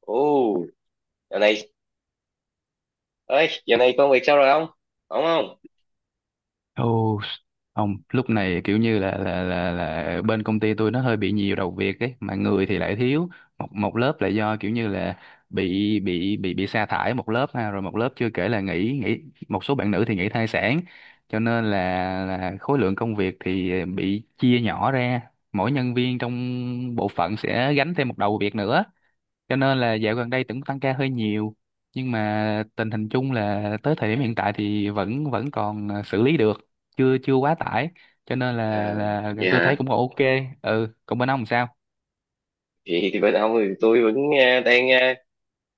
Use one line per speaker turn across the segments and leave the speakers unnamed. Ồ, giờ này, ơi, giờ này công việc sao rồi ông? Ổn không?
Ồ, không, lúc này kiểu như là bên công ty tôi nó hơi bị nhiều đầu việc ấy, mà người thì lại thiếu. Một một lớp là do kiểu như là bị sa thải một lớp ha, rồi một lớp chưa kể là nghỉ nghỉ một số bạn nữ thì nghỉ thai sản. Cho nên là khối lượng công việc thì bị chia nhỏ ra, mỗi nhân viên trong bộ phận sẽ gánh thêm một đầu việc nữa, cho nên là dạo gần đây tưởng tăng ca hơi nhiều, nhưng mà tình hình chung là tới thời điểm hiện tại thì vẫn vẫn còn xử lý được, chưa chưa quá tải, cho nên là
À,
là
vậy
tôi thấy
hả?
cũng còn ok. Ừ, còn bên ông làm sao?
Vậy thì bên ông thì tôi vẫn đang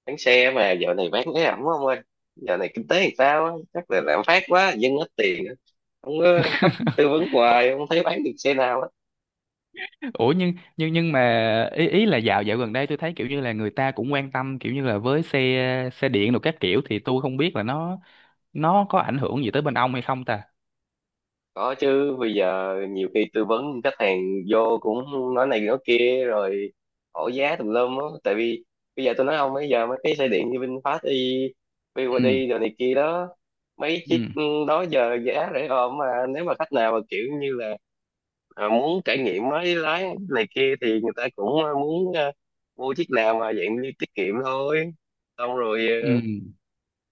bán xe mà giờ này bán cái ẩm ông ơi. Giờ này kinh tế thì sao á? Chắc là lạm phát quá, dân ít tiền, á. Không có khách tư vấn
Ủa,
hoài, không thấy bán được xe nào á.
ủa, nhưng mà ý ý là dạo dạo gần đây tôi thấy kiểu như là người ta cũng quan tâm kiểu như là với xe xe điện rồi các kiểu, thì tôi không biết là nó có ảnh hưởng gì tới bên ông hay không ta.
Có chứ, bây giờ nhiều khi tư vấn khách hàng vô cũng nói này nói kia rồi hỏi giá tùm lum á. Tại vì bây giờ tôi nói ông, bây giờ mấy cái xe điện như VinFast y
Ừ.
BYD rồi này kia đó, mấy
Ừ.
chiếc đó giờ giá rẻ ôm, mà nếu mà khách nào mà kiểu như là muốn trải nghiệm mới lái này kia thì người ta cũng muốn mua chiếc nào mà dạng như tiết kiệm thôi, xong rồi
Ừ.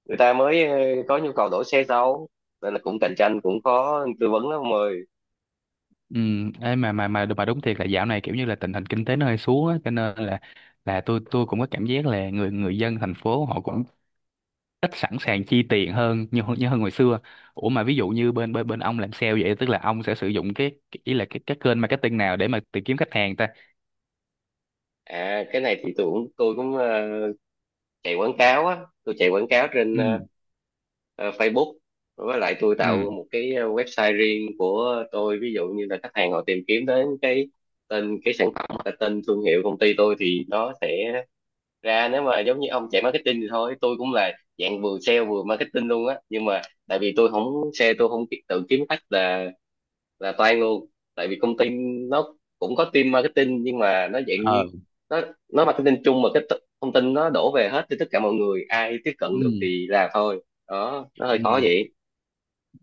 người ta mới có nhu cầu đổi xe sau. Nên là cũng cạnh tranh, cũng khó tư vấn lắm ông.
Ừ, ấy mà đúng thiệt là dạo này kiểu như là tình hình kinh tế nó hơi xuống á, cho nên là tôi cũng có cảm giác là người người dân thành phố họ cũng ít sẵn sàng chi tiền hơn như như hơn hồi xưa. Ủa mà ví dụ như bên bên bên ông làm sale vậy, tức là ông sẽ sử dụng cái ý là cái kênh marketing nào để mà tìm kiếm khách hàng ta?
À, cái này thì tôi cũng chạy quảng cáo á, tôi chạy quảng cáo trên
Ừ.
Facebook, với lại tôi tạo
Ừ.
một cái website riêng của tôi. Ví dụ như là khách hàng họ tìm kiếm đến cái tên cái sản phẩm hoặc là tên thương hiệu công ty tôi thì nó sẽ ra. Nếu mà giống như ông chạy marketing thì thôi, tôi cũng là dạng vừa sale vừa marketing luôn á, nhưng mà tại vì tôi không sale, tôi không ki- tự kiếm khách là toan luôn. Tại vì công ty nó cũng có team marketing nhưng mà nó dạng như
Ờ.
nó nó marketing chung, mà cái t- thông tin nó đổ về hết cho tất cả mọi người, ai tiếp cận
Ừ.
được thì làm thôi, đó nó hơi khó
Ừ.
vậy.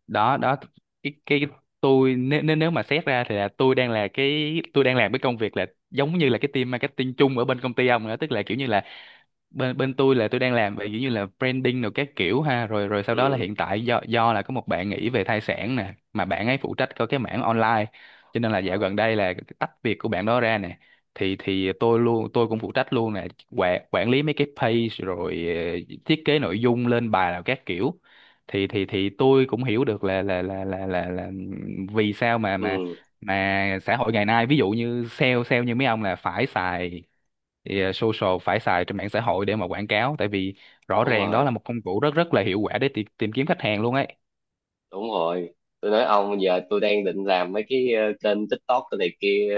Đó, đó, cái tôi nếu nếu nếu mà xét ra thì là tôi đang là cái tôi đang làm cái công việc là giống như là cái team marketing chung ở bên công ty ông nữa, tức là kiểu như là bên bên tôi là tôi đang làm về giống như là branding rồi các kiểu ha, rồi rồi sau đó là
Ừ.
hiện tại do là có một bạn nghỉ về thai sản nè, mà bạn ấy phụ trách có cái mảng online, cho nên là dạo
Ờ.
gần đây là tách việc của bạn đó ra nè, thì tôi luôn tôi cũng phụ trách luôn nè, quản quản lý mấy cái page rồi thiết kế nội dung lên bài nào các kiểu, thì tôi cũng hiểu được là vì sao mà mà
Ừ,
mà xã hội ngày nay ví dụ như sale sale như mấy ông là phải xài, thì social phải xài trên mạng xã hội để mà quảng cáo, tại vì rõ
đúng
ràng đó
rồi,
là một công cụ rất rất là hiệu quả để tìm kiếm khách hàng luôn ấy.
đúng rồi. Tôi nói ông, giờ tôi đang định làm mấy cái kênh TikTok cái này kia,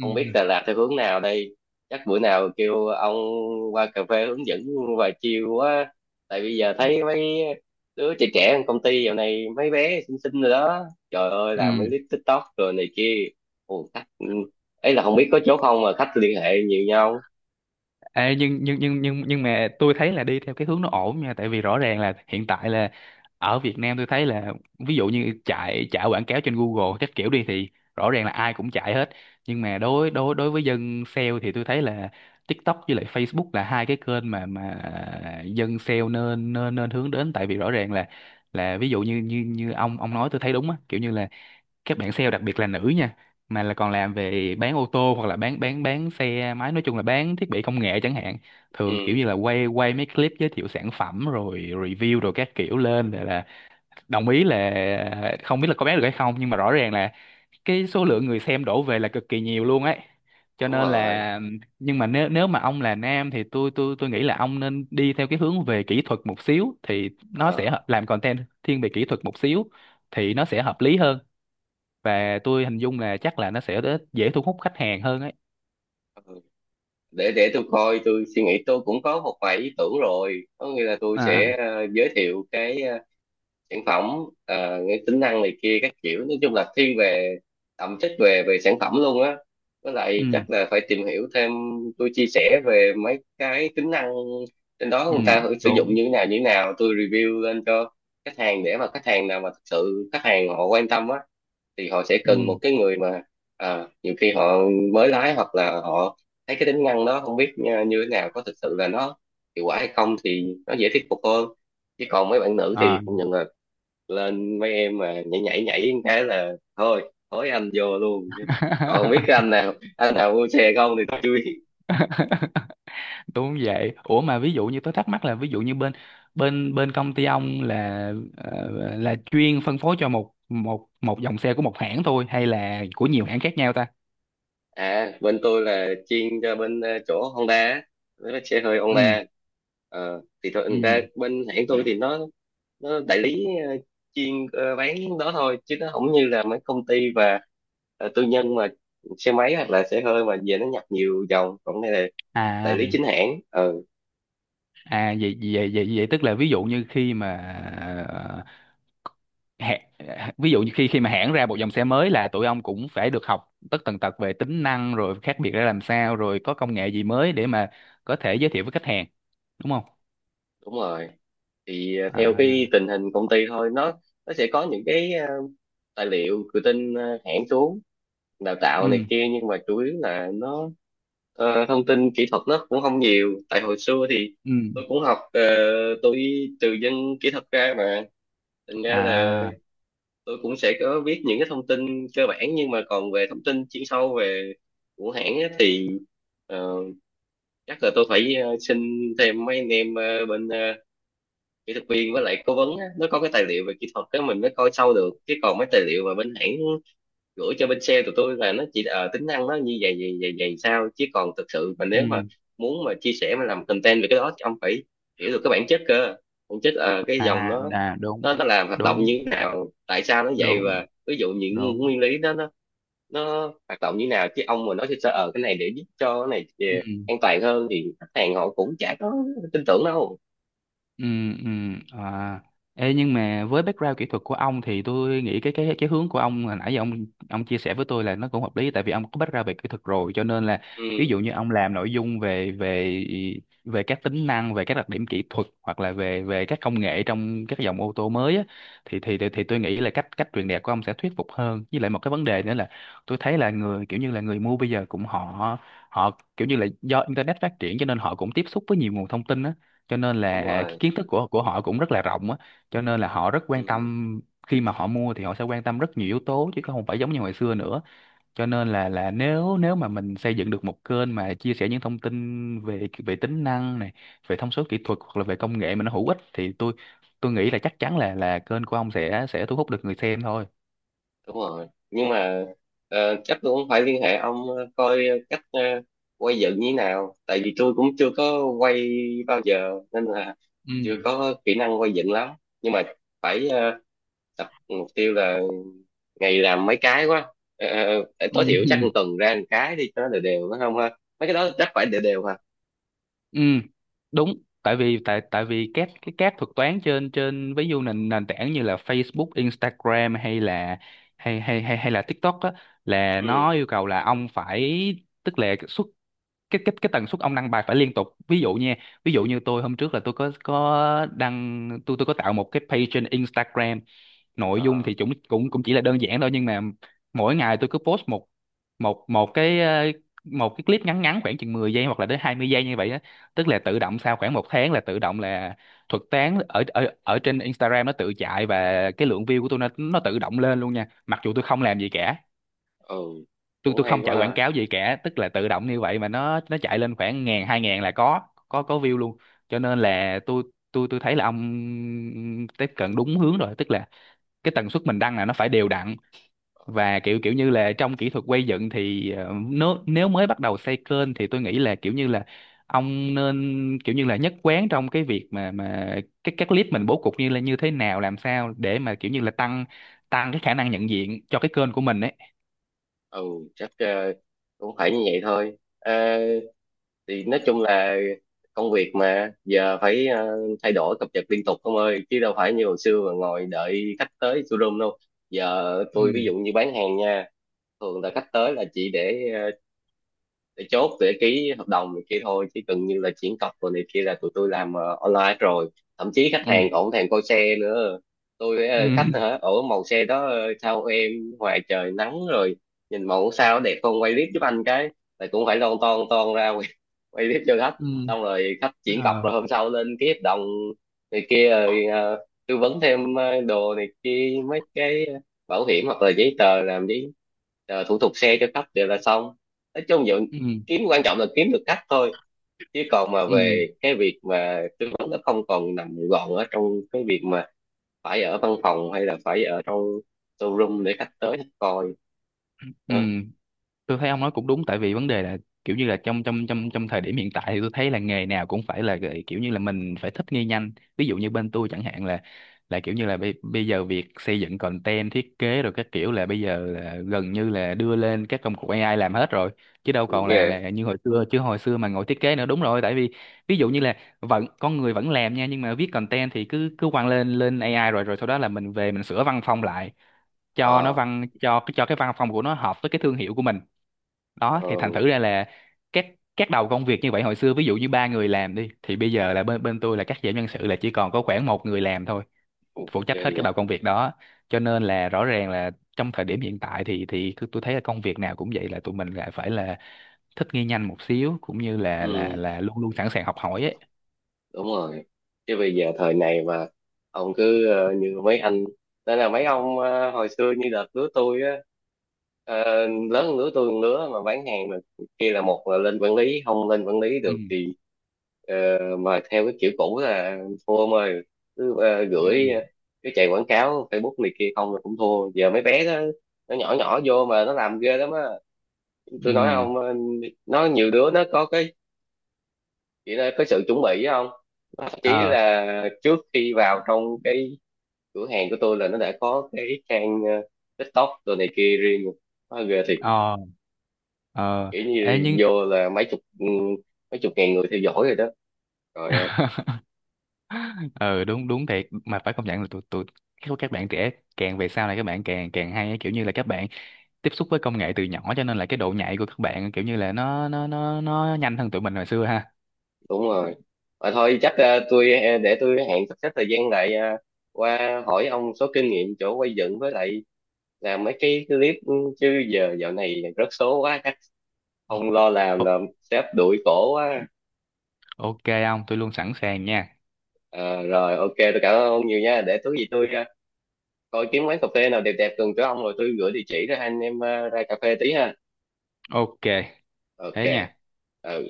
không biết Đà Lạt theo hướng nào đây. Chắc bữa nào kêu ông qua cà phê hướng dẫn, và chiều quá. Tại bây giờ thấy mấy đứa trẻ trẻ trong công ty dạo này mấy bé xinh xinh rồi đó, trời ơi làm
Ừ.
mấy clip TikTok rồi này kia. Ồ, khách, ừ, ấy là không biết có chỗ không mà khách liên hệ nhiều nhau.
Ê, nhưng mà tôi thấy là đi theo cái hướng nó ổn nha, tại vì rõ ràng là hiện tại là ở Việt Nam tôi thấy là ví dụ như chạy chạy quảng cáo trên Google các kiểu đi thì rõ ràng là ai cũng chạy hết, nhưng mà đối đối đối với dân sale thì tôi thấy là TikTok với lại Facebook là hai cái kênh mà dân sale nên nên nên hướng đến, tại vì rõ ràng là ví dụ như như như ông nói tôi thấy đúng á, kiểu như là các bạn sale đặc biệt là nữ nha, mà là còn làm về bán ô tô hoặc là bán xe máy, nói chung là bán thiết bị công nghệ chẳng hạn,
Ừ,
thường kiểu như là quay quay mấy clip giới thiệu sản phẩm rồi review rồi các kiểu lên, để là đồng ý là không biết là có bán được hay không, nhưng mà rõ ràng là cái số lượng người xem đổ về là cực kỳ nhiều luôn ấy, cho
đúng
nên
rồi.
là nhưng mà nếu nếu mà ông là nam thì tôi nghĩ là ông nên đi theo cái hướng về kỹ thuật một xíu, thì nó sẽ
Ờ,
làm content thiên về kỹ thuật một xíu thì nó sẽ hợp lý hơn, và tôi hình dung là chắc là nó sẽ dễ thu hút khách hàng hơn ấy.
ừ. Để tôi coi, tôi suy nghĩ, tôi cũng có một vài ý tưởng rồi, có nghĩa là tôi
À.
sẽ giới thiệu cái sản phẩm, cái tính năng này kia các kiểu, nói chung là thiên về thẩm chất về về sản phẩm luôn á. Với
Ừ.
lại chắc là phải tìm hiểu thêm, tôi chia sẻ về mấy cái tính năng trên đó
Ừ.
người ta thử sử dụng
Đúng.
như thế nào như thế nào, tôi review lên cho khách hàng, để mà khách hàng nào mà thực sự khách hàng họ quan tâm á thì họ sẽ
Ừ.
cần một cái người mà nhiều khi họ mới lái hoặc là họ thấy cái tính năng đó không biết như, như thế nào, có thực sự là nó hiệu quả hay không, thì nó dễ thuyết phục hơn. Chứ còn mấy bạn nữ
À.
thì cũng nhận lên, mấy em mà nhảy nhảy nhảy một cái là thôi thối anh vô luôn, chứ còn không biết cái anh nào mua xe không thì tôi chưa biết.
Đúng vậy. Ủa mà ví dụ như tôi thắc mắc là, ví dụ như bên bên bên công ty ông là ờ, là chuyên phân phối cho một một một dòng xe của một hãng thôi hay là của nhiều hãng khác nhau ta?
À, bên tôi là chuyên cho bên chỗ Honda á, mấy cái xe hơi
Ừ.
Honda. Ờ, thì
Ừ.
thôi ra bên hãng tôi thì nó đại lý chuyên bán đó thôi, chứ nó không như là mấy công ty và tư nhân mà xe máy hoặc là xe hơi mà về nó nhập nhiều dòng, còn đây là đại
À.
lý chính hãng. Ừ,
À, vậy vậy vậy vậy tức là ví dụ như khi mà hẹ- ví dụ như khi khi mà hãng ra một dòng xe mới là tụi ông cũng phải được học tất tần tật về tính năng rồi khác biệt ra làm sao rồi có công nghệ gì mới để mà có thể giới thiệu với khách hàng, đúng không?
đúng rồi. Thì à, theo
À.
cái tình hình công ty thôi, nó sẽ có những cái tài liệu tự tin à, hãng xuống đào tạo
Ừ.
này kia, nhưng mà chủ yếu là nó thông tin kỹ thuật nó cũng không nhiều. Tại hồi xưa thì
Ừ.
tôi cũng học tôi từ dân kỹ thuật ra mà, thành ra là
À.
tôi cũng sẽ có biết những cái thông tin cơ bản. Nhưng mà còn về thông tin chuyên sâu về của hãng á, thì ờ, chắc là tôi phải xin thêm mấy anh em bên kỹ thuật viên với lại cố vấn á, nó có cái tài liệu về kỹ thuật đó mình mới coi sâu được. Chứ còn mấy tài liệu mà bên hãng gửi cho bên sale tụi tôi là nó chỉ tính năng nó như vậy vậy vậy vậy sao, chứ còn thực sự mà nếu mà
Ừ.
muốn mà chia sẻ mà làm content về cái đó thì ông phải hiểu được cái bản chất cơ bản chất cái dòng
À. À. Đúng.
nó làm hoạt động
Đúng.
như thế nào, tại sao nó vậy,
Đúng.
và ví dụ những
Đúng.
nguyên lý đó nó hoạt động như nào. Chứ ông mà nói sơ sơ ờ cái này để giúp cho cái này
Ừ.
an toàn hơn thì khách hàng họ cũng chả có tin tưởng đâu.
Ừ, ừ, à. Ê, nhưng mà với background kỹ thuật của ông thì tôi nghĩ cái hướng của ông hồi nãy giờ ông chia sẻ với tôi là nó cũng hợp lý, tại vì ông có background về kỹ thuật rồi cho nên là
Ừ,
ví dụ như ông làm nội dung về về về các tính năng, về các đặc điểm kỹ thuật hoặc là về về các công nghệ trong các dòng ô tô mới á, thì tôi nghĩ là cách cách truyền đạt của ông sẽ thuyết phục hơn, với lại một cái vấn đề nữa là tôi thấy là người kiểu như là người mua bây giờ cũng họ họ kiểu như là do internet phát triển cho nên họ cũng tiếp xúc với nhiều nguồn thông tin á, cho nên
đúng
là cái
rồi.
kiến thức của họ cũng rất là rộng á, cho nên là họ rất quan
Ừ,
tâm, khi mà họ mua thì họ sẽ quan tâm rất nhiều yếu tố chứ không phải giống như hồi xưa nữa, cho nên là nếu nếu mà mình xây dựng được một kênh mà chia sẻ những thông tin về về tính năng này, về thông số kỹ thuật hoặc là về công nghệ mà nó hữu ích thì tôi nghĩ là chắc chắn là kênh của ông sẽ thu hút được người xem thôi.
đúng rồi. Nhưng mà chắc tôi cũng phải liên hệ ông coi cách quay dựng như thế nào. Tại vì tôi cũng chưa có quay bao giờ nên là
Ừ.
chưa có kỹ năng quay dựng lắm. Nhưng mà phải tập, mục tiêu là ngày làm mấy cái quá. Ờ,
Ừ.
Tối thiểu chắc một tuần ra một cái đi cho nó đều đều phải không ha? Mấy cái đó chắc phải đều đều hả?
Ừ, đúng. Tại vì các thuật toán trên trên ví dụ nền nền tảng như là Facebook, Instagram hay là hay hay hay hay là TikTok á, là
Ừ.
nó yêu cầu là ông phải tức là xuất cái cái tần suất ông đăng bài phải liên tục, ví dụ nha. Ví dụ như tôi hôm trước là tôi có đăng, tôi có tạo một cái page trên Instagram, nội dung
Ờ.
thì cũng cũng cũng chỉ là đơn giản thôi, nhưng mà mỗi ngày tôi cứ post một một một cái ờ, một cái clip ngắn ngắn khoảng chừng 10 giây hoặc là đến 20 giây như vậy á, tức là tự động sau khoảng một tháng là tự động là thuật toán ở ở ở trên Instagram nó tự chạy, và cái lượng view của tôi nó tự động lên luôn nha, mặc dù tôi không làm gì cả,
Ừ.
tôi
Cũng
tôi
hay
không
quá
chạy quảng
ha.
cáo gì cả, tức là tự động như vậy mà nó chạy lên khoảng ngàn hai ngàn là có view luôn, cho nên là tôi thấy là ông tiếp cận đúng hướng rồi, tức là cái tần suất mình đăng là nó phải đều đặn,
Ờ.
và kiểu kiểu như là trong kỹ thuật quay dựng thì nếu nếu mới bắt đầu xây kênh thì tôi nghĩ là kiểu như là ông nên kiểu như là nhất quán trong cái việc mà cái các clip mình bố cục như là như thế nào làm sao để mà kiểu như là tăng tăng cái khả năng nhận diện cho cái kênh của mình ấy.
Ừ, chắc cũng phải như vậy thôi. Ờ, thì nói chung là công việc mà giờ phải thay đổi cập nhật liên tục ông ơi, chứ đâu phải như hồi xưa mà ngồi đợi khách tới showroom đâu. Giờ
Ừ.
tôi ví dụ như bán hàng nha, thường là khách tới là chỉ để để chốt để ký hợp đồng này kia thôi, chứ gần như là chuyển cọc rồi này kia là tụi tôi làm online rồi. Thậm chí khách
Ừ.
hàng còn không thèm coi xe nữa, tôi với,
Ừ.
ờ, khách hả ở màu xe đó ờ, sao em ngoài trời nắng rồi nhìn màu sao đẹp, không quay clip giúp anh cái, là cũng phải lon ton ton ra quay, quay clip cho khách.
Ừ.
Xong rồi khách chuyển cọc
Ờ.
rồi hôm sau lên ký hợp đồng này kia rồi tư vấn thêm đồ này kia, mấy cái bảo hiểm hoặc là giấy tờ, làm giấy tờ thủ tục xe cho khách đều là xong. Nói chung dạo
Ừ.
kiếm, quan trọng là kiếm được khách thôi, chứ còn mà
Ừ.
về cái việc mà tư vấn nó không còn nằm gọn ở trong cái việc mà phải ở văn phòng hay là phải ở trong showroom để khách tới khách coi
Ừ.
đó.
Tôi thấy ông nói cũng đúng, tại vì vấn đề là kiểu như là trong trong trong trong thời điểm hiện tại thì tôi thấy là nghề nào cũng phải là kiểu như là mình phải thích nghi nhanh, ví dụ như bên tôi chẳng hạn là kiểu như là bây giờ việc xây dựng content thiết kế rồi các kiểu là bây giờ là gần như là đưa lên các công cụ AI làm hết rồi, chứ đâu còn là
Yeah.
là như hồi xưa, chứ hồi xưa mà ngồi thiết kế nữa, đúng rồi, tại vì ví dụ như là vẫn con người vẫn làm nha, nhưng mà viết content thì cứ cứ quăng lên lên AI rồi rồi sau đó là mình về mình sửa văn phong lại cho nó
Ờ.
văn cho cái văn phòng của nó hợp với cái thương hiệu của mình, đó thì
Ờ.
thành thử ra là các các đầu công việc như vậy hồi xưa ví dụ như ba người làm đi thì bây giờ là bên bên tôi là cắt giảm nhân sự là chỉ còn có khoảng một người làm thôi,
Ok.
phụ trách hết
Vậy.
các đầu công việc đó, cho nên là rõ ràng là trong thời điểm hiện tại thì tôi thấy là công việc nào cũng vậy là tụi mình lại phải là thích nghi nhanh một xíu, cũng như là là
Ừ,
là luôn luôn sẵn sàng học hỏi ấy.
đúng rồi, chứ bây giờ thời này mà ông cứ như mấy anh, nên là mấy ông hồi xưa như đợt lứa tôi á, lớn hơn lứa tôi một lứa mà bán hàng mà kia, là một là lên quản lý, không lên quản lý được
Ừ.
thì ờ, mà theo cái kiểu cũ là thua ông ơi. Cứ ờ, gửi ờ,
Ừ.
cái chạy quảng cáo Facebook này kia không là cũng thua giờ mấy bé đó, nó nhỏ nhỏ vô mà nó làm ghê lắm á. Tôi nói
Ừ.
ông nó nhiều đứa nó có cái chị đã có sự chuẩn bị không, thậm chí
Ờ.
là trước khi vào trong cái cửa hàng của tôi là nó đã có cái trang TikTok rồi này kia riêng rồi. Quá ghê thiệt,
Ờ. Ờ.
kiểu
Ê,
như
nhưng.
vô là mấy chục, ừ, mấy chục ngàn người theo dõi rồi đó. Trời ơi,
Ừ, đúng, đúng thiệt, mà phải công nhận là tụi tụi các bạn trẻ càng về sau này các bạn càng càng hay á. Kiểu như là các bạn tiếp xúc với công nghệ từ nhỏ, cho nên là cái độ nhạy của các bạn kiểu như là nó nhanh hơn tụi mình hồi xưa ha.
đúng rồi. Mà thôi chắc tôi để tôi hẹn sắp xếp thời gian lại qua hỏi ông số kinh nghiệm chỗ quay dựng với lại làm mấy cái clip, ừ, chứ giờ dạo này rớt số quá, chắc không lo làm
Ồ,
là sếp đuổi cổ quá.
ok, không, tôi luôn sẵn sàng nha.
Ờ, rồi ok, tôi cảm ơn ông nhiều nha, để tối gì tôi coi kiếm quán cà phê nào đẹp đẹp gần chỗ ông rồi tôi gửi địa chỉ rồi hai anh em ra cà phê tí ha.
Ok,
Ok.
thế nha.
Ờ,